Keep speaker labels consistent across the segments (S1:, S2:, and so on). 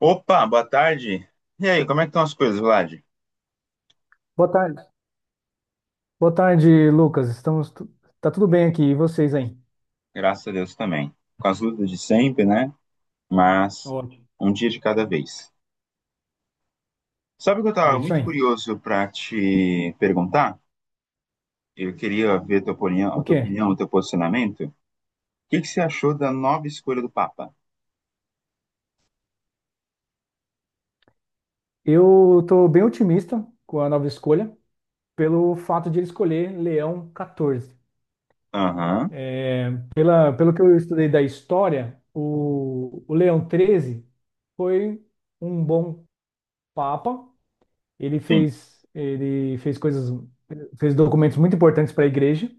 S1: Opa, boa tarde. E aí, como é que estão as coisas, Vlad?
S2: Boa tarde. Boa tarde, Lucas. Tá tudo bem aqui, e vocês aí?
S1: Graças a Deus também. Com as lutas de sempre, né? Mas
S2: Ótimo.
S1: um dia de cada vez. Sabe o que eu
S2: É
S1: estava
S2: isso
S1: muito
S2: aí.
S1: curioso para te perguntar? Eu queria ver a tua opinião,
S2: O quê?
S1: o teu posicionamento. O que que você achou da nova escolha do Papa?
S2: Eu tô bem otimista com a nova escolha, pelo fato de ele escolher Leão 14.
S1: Aham,
S2: Pelo que eu estudei da história, o Leão 13 foi um bom papa.
S1: sim,
S2: Ele fez coisas, fez documentos muito importantes para a igreja.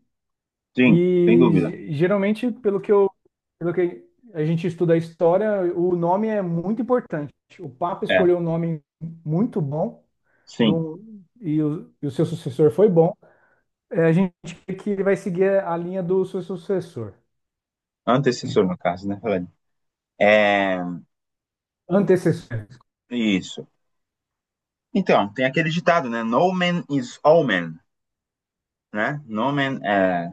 S1: sim, sem dúvida.
S2: E geralmente, pelo que a gente estuda a história, o nome é muito importante. O Papa
S1: É,
S2: escolheu um nome muito bom
S1: sim.
S2: do, e o seu sucessor foi bom. É, a gente vê que ele vai seguir a linha do seu sucessor,
S1: Antecessor, no caso, né, Vlad? É,
S2: antecessor.
S1: isso. Então, tem aquele ditado, né? No man is all man, né? No man é.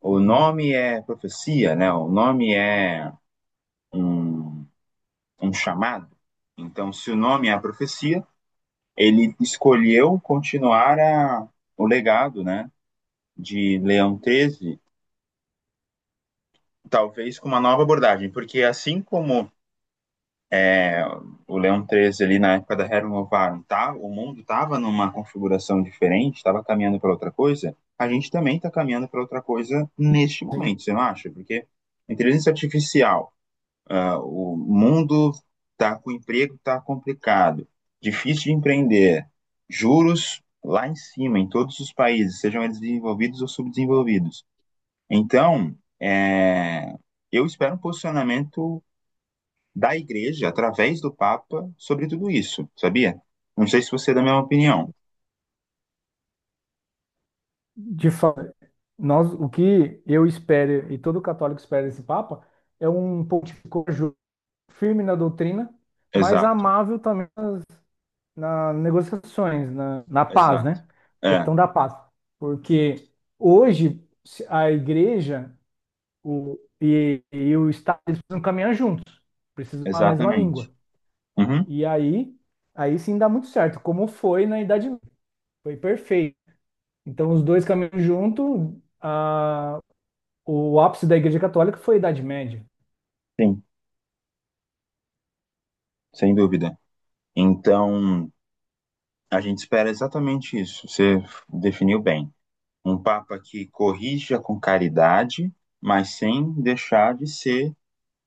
S1: O
S2: Sim.
S1: nome é profecia, né? O nome é um, um chamado. Então, se o nome é a profecia, ele escolheu continuar o legado, né? De Leão XIII, talvez com uma nova abordagem, porque assim como é, o Leão XIII ali na época da Rerum Novarum, tá, o mundo estava numa configuração diferente, estava caminhando para outra coisa, a gente também está caminhando para outra coisa neste
S2: Sim,
S1: momento, você não acha? Porque a inteligência artificial o mundo está com o emprego está complicado, difícil de empreender, juros lá em cima, em todos os países, sejam eles desenvolvidos ou subdesenvolvidos. Então, eu espero um posicionamento da igreja, através do Papa, sobre tudo isso, sabia? Não sei se você é da mesma opinião.
S2: de fato, nós, o que eu espero e todo católico espera desse Papa é um pontificador firme na doutrina, mas
S1: Exato,
S2: amável também nas negociações, na paz,
S1: exato.
S2: né?
S1: É,
S2: Questão da paz. Porque hoje se- a igreja e o Estado eles precisam caminhar juntos, precisam falar a mesma
S1: exatamente.
S2: língua.
S1: Uhum,
S2: E aí, aí sim dá muito certo, como foi na Idade Média. Foi perfeito. Então, os dois caminham junto. O ápice da Igreja Católica foi a Idade Média.
S1: sim, sem dúvida. Então, a gente espera exatamente isso. Você definiu bem. Um Papa que corrija com caridade, mas sem deixar de ser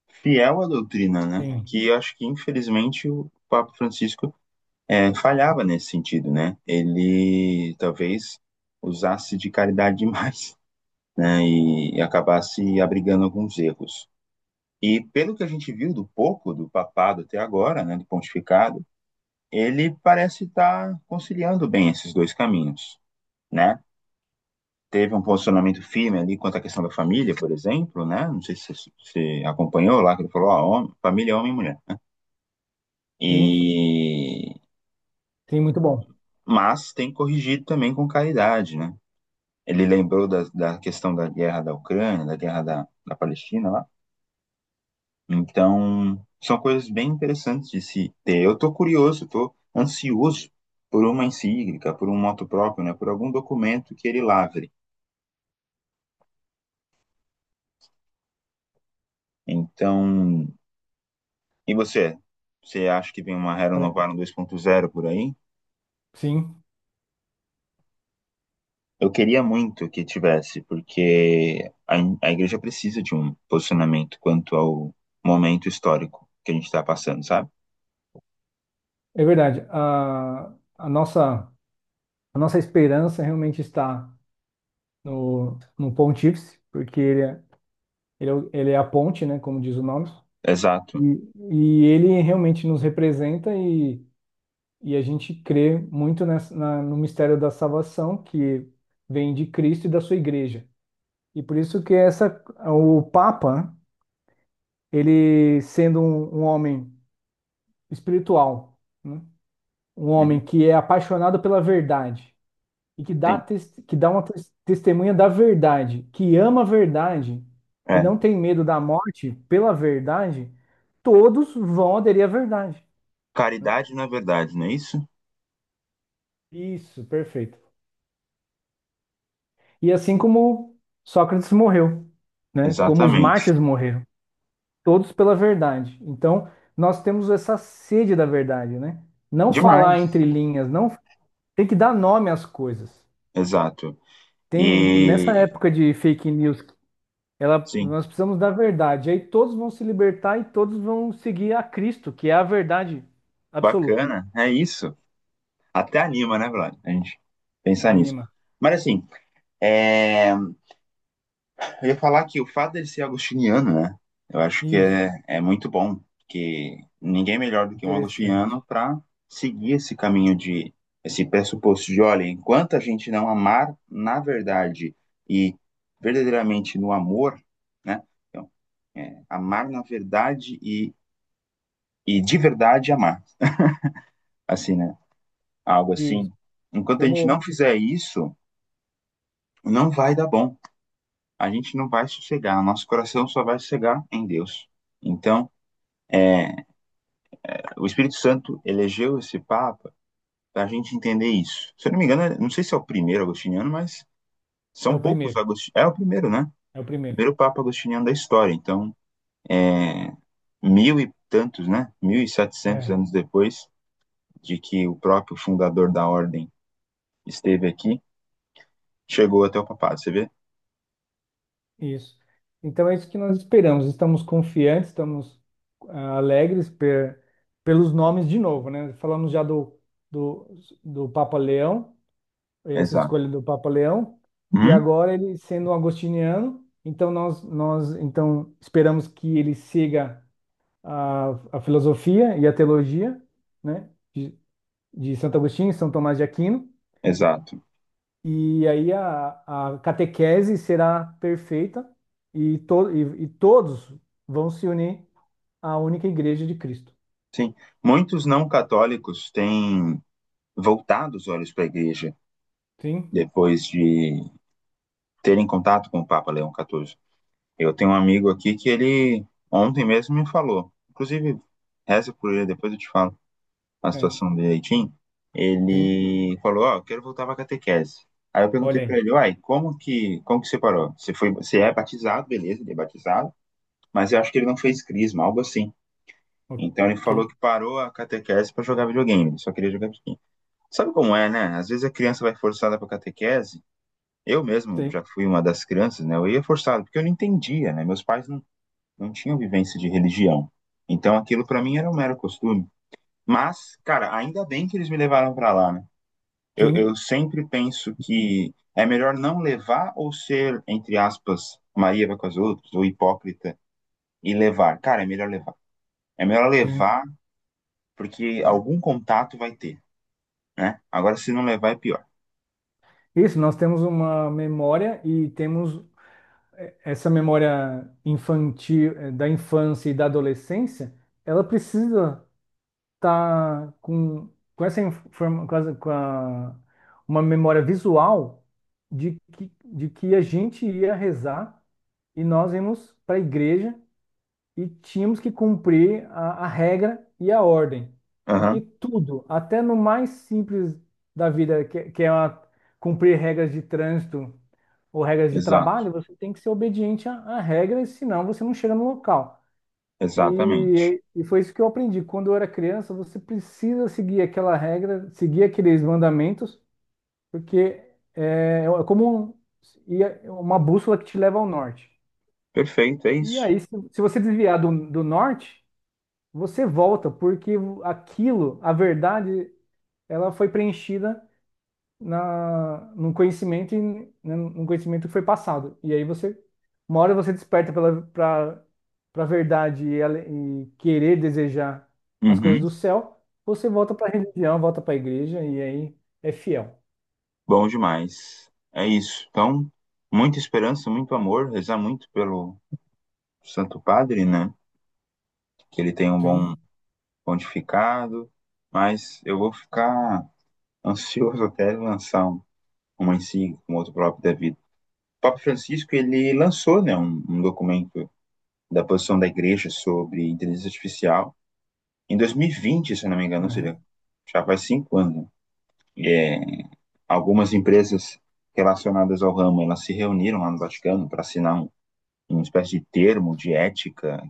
S1: fiel à doutrina, né?
S2: Sim,
S1: Que eu acho que, infelizmente, o Papa Francisco falhava nesse sentido, né? Ele talvez usasse de caridade demais, né? E acabasse abrigando alguns erros. E pelo que a gente viu do pouco do papado até agora, né, do pontificado, ele parece estar conciliando bem esses dois caminhos, né? Teve um posicionamento firme ali quanto à questão da família, por exemplo, né? Não sei se você acompanhou lá, que ele falou, ó, homem, família é homem e mulher.
S2: sim,
S1: E...
S2: sim, muito bom.
S1: Mas tem corrigido também com caridade, né? Ele lembrou da questão da guerra da Ucrânia, da guerra da Palestina lá. Então, são coisas bem interessantes de se ter. Eu tô curioso, tô ansioso por uma encíclica, por um moto próprio, né? Por algum documento que ele lavre. Então, e você? Você acha que vem uma Hero
S2: Pare-
S1: Novarum 2.0 por aí?
S2: Sim,
S1: Eu queria muito que tivesse, porque a igreja precisa de um posicionamento quanto ao momento histórico que a gente está passando, sabe?
S2: é verdade. A nossa, a nossa esperança realmente está no Pontífice, porque ele é a ponte, né, como diz o nome,
S1: Exato.
S2: e ele realmente nos representa e a gente crê muito no mistério da salvação que vem de Cristo e da sua igreja. E por isso que o Papa, né, ele sendo um homem espiritual, né, um homem
S1: Uhum,
S2: que é apaixonado pela verdade, e que
S1: sim.
S2: dá uma testemunha da verdade, que ama a verdade e
S1: É.
S2: não tem medo da morte pela verdade, todos vão aderir à verdade, né?
S1: Caridade na verdade, não é isso?
S2: Isso, perfeito. E assim como Sócrates morreu, né? Como os
S1: Exatamente.
S2: mártires morreram, todos pela verdade. Então, nós temos essa sede da verdade, né? Não falar entre
S1: Demais.
S2: linhas, não tem que dar nome às coisas.
S1: Exato.
S2: Tem nessa
S1: E
S2: época de fake news ela,
S1: sim,
S2: nós precisamos da verdade. Aí todos vão se libertar e todos vão seguir a Cristo, que é a verdade absoluta.
S1: bacana. É isso. Até anima, né, Vlad? A gente pensar nisso.
S2: Anima.
S1: Mas assim, é, eu ia falar que o fato dele ser agostiniano, né? Eu acho que
S2: Isso.
S1: é muito bom, porque ninguém é melhor do que um agostiniano
S2: Interessante.
S1: para seguir esse caminho esse pressuposto de, olha, enquanto a gente não amar na verdade e verdadeiramente no amor, né? Então, amar na verdade e de verdade amar, assim, né? Algo assim.
S2: Isso.
S1: Enquanto a gente não
S2: Como
S1: fizer isso, não vai dar bom. A gente não vai sossegar, nosso coração só vai sossegar em Deus. Então, o Espírito Santo elegeu esse Papa para a gente entender isso. Se eu não me engano, não sei se é o primeiro agostiniano, mas
S2: é
S1: são
S2: o
S1: poucos
S2: primeiro.
S1: agostinianos. É o primeiro, né?
S2: É o
S1: O
S2: primeiro.
S1: primeiro Papa agostiniano da história. Então, é, mil e tantos, né? Mil e setecentos
S2: É.
S1: anos depois de que o próprio fundador da ordem esteve aqui, chegou até o papado, você vê?
S2: Isso. Então é isso que nós esperamos. Estamos confiantes, estamos alegres pelos nomes de novo, né? Falamos já do, do Papa Leão. Essa
S1: Exato.
S2: escolha do Papa Leão, e
S1: Hum?
S2: agora ele sendo um agostiniano, então nós então esperamos que ele siga a, a filosofia e a teologia, né, de Santo Agostinho e São Tomás de Aquino,
S1: Exato.
S2: e aí a catequese será perfeita e todos vão se unir à única igreja de Cristo.
S1: Sim. Muitos não católicos têm voltado os olhos para a igreja
S2: Sim,
S1: depois de terem contato com o Papa Leão XIV. Eu tenho um amigo aqui que ele ontem mesmo me falou. Inclusive, reza por ele, depois eu te falo a
S2: é,
S1: situação direitinho.
S2: sim,
S1: Ele falou, ó, eu quero voltar pra catequese. Aí eu perguntei
S2: olha
S1: pra
S2: aí.
S1: ele, uai, como que você parou? Você foi, você é batizado, beleza, ele é batizado, mas eu acho que ele não fez crisma, algo assim. Então ele
S2: Ok,
S1: falou que parou a catequese pra jogar videogame, ele só queria jogar videogame. Sabe como é, né? Às vezes a criança vai forçada pra catequese. Eu mesmo
S2: sim,
S1: já fui uma das crianças, né? Eu ia forçado, porque eu não entendia, né? Meus pais não tinha vivência de religião. Então aquilo para mim era um mero costume. Mas, cara, ainda bem que eles me levaram para lá, né? Eu
S2: sim,
S1: sempre penso que é melhor não levar ou ser, entre aspas, Maria vai com as outras, ou hipócrita, e levar. Cara, é melhor levar. É melhor
S2: sim.
S1: levar porque algum contato vai ter, né? Agora, se não levar, é pior.
S2: Isso, nós temos uma memória e temos essa memória infantil, da infância e da adolescência, ela precisa estar com essa informa, com, essa- com a- uma memória visual de que a gente ia rezar e nós íamos para a igreja e tínhamos que cumprir a regra e a ordem. Porque
S1: Aham,
S2: tudo, até no mais simples da vida, que cumprir regras de trânsito ou regras de
S1: exato,
S2: trabalho, você tem que ser obediente a regras, senão você não chega no local.
S1: exatamente.
S2: E foi isso que eu aprendi. Quando eu era criança, você precisa seguir aquela regra, seguir aqueles mandamentos, porque é como é uma bússola que te leva ao norte.
S1: Perfeito, é
S2: E
S1: isso.
S2: aí, se você desviar do norte, você volta, porque aquilo, a verdade, ela foi preenchida num conhecimento, né, num conhecimento que foi passado. E aí você, uma hora você desperta pra verdade e querer desejar as coisas
S1: Uhum,
S2: do céu, você volta pra religião, volta pra igreja e aí é fiel.
S1: bom demais. É isso. Então, muita esperança, muito amor, rezar muito pelo, Santo Padre, né? Que ele tem um bom
S2: Sim.
S1: pontificado, mas eu vou ficar ansioso até ele lançar uma encíclica, um outro próprio da vida. O Papa Francisco, ele lançou, né, um documento da posição da Igreja sobre inteligência artificial em 2020, se eu não me engano, ou seja,
S2: Aham,
S1: já faz 5 anos. Né? E, É, algumas empresas relacionadas ao ramo, elas se reuniram lá no Vaticano para assinar uma espécie de termo de ética.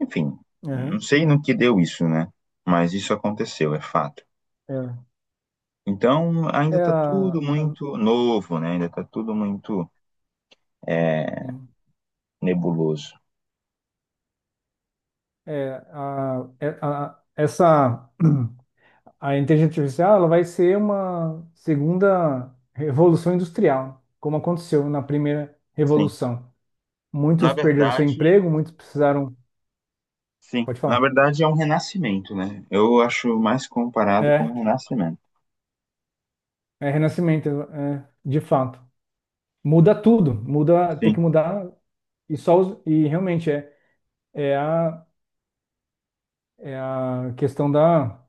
S1: Enfim, não
S2: aham.
S1: sei no que deu isso, né? Mas isso aconteceu, é fato.
S2: É,
S1: Então,
S2: é
S1: ainda está tudo
S2: a, a-
S1: muito novo, né? Ainda está tudo muito é,
S2: sim.
S1: nebuloso.
S2: Essa a inteligência artificial ela vai ser uma segunda revolução industrial, como aconteceu na primeira
S1: Sim.
S2: revolução.
S1: Na
S2: Muitos perderam seu
S1: verdade,
S2: emprego, muitos precisaram.
S1: sim.
S2: Pode
S1: Na
S2: falar.
S1: verdade, é um renascimento, né? Eu acho mais comparado com um
S2: É,
S1: renascimento.
S2: é renascimento, é, de fato. Muda tudo, muda, tem que
S1: Sim,
S2: mudar e realmente é a, é a questão da,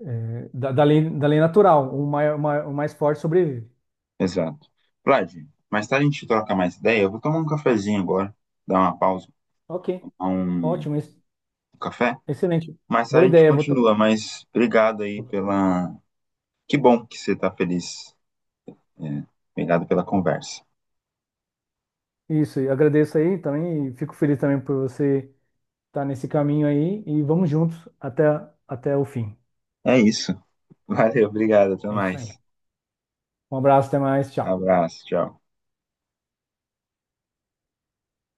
S2: é, da, da lei natural. O mais, o mais forte sobrevive.
S1: exato. Vlad, mais tarde a gente troca mais ideia. Eu vou tomar um cafezinho agora, dar uma pausa,
S2: Ok,
S1: tomar um
S2: ótimo,
S1: café.
S2: excelente.
S1: Mais tarde
S2: Boa
S1: a gente
S2: ideia.
S1: continua, mas obrigado aí
S2: Vou-
S1: pela. Que bom que você está feliz. É, obrigado pela conversa.
S2: Isso, e agradeço aí também e fico feliz também por você estar nesse caminho aí e vamos juntos até, até o fim.
S1: É isso. Valeu, obrigado, até
S2: É isso
S1: mais.
S2: aí. Um abraço, até mais, tchau.
S1: Abraço, tchau.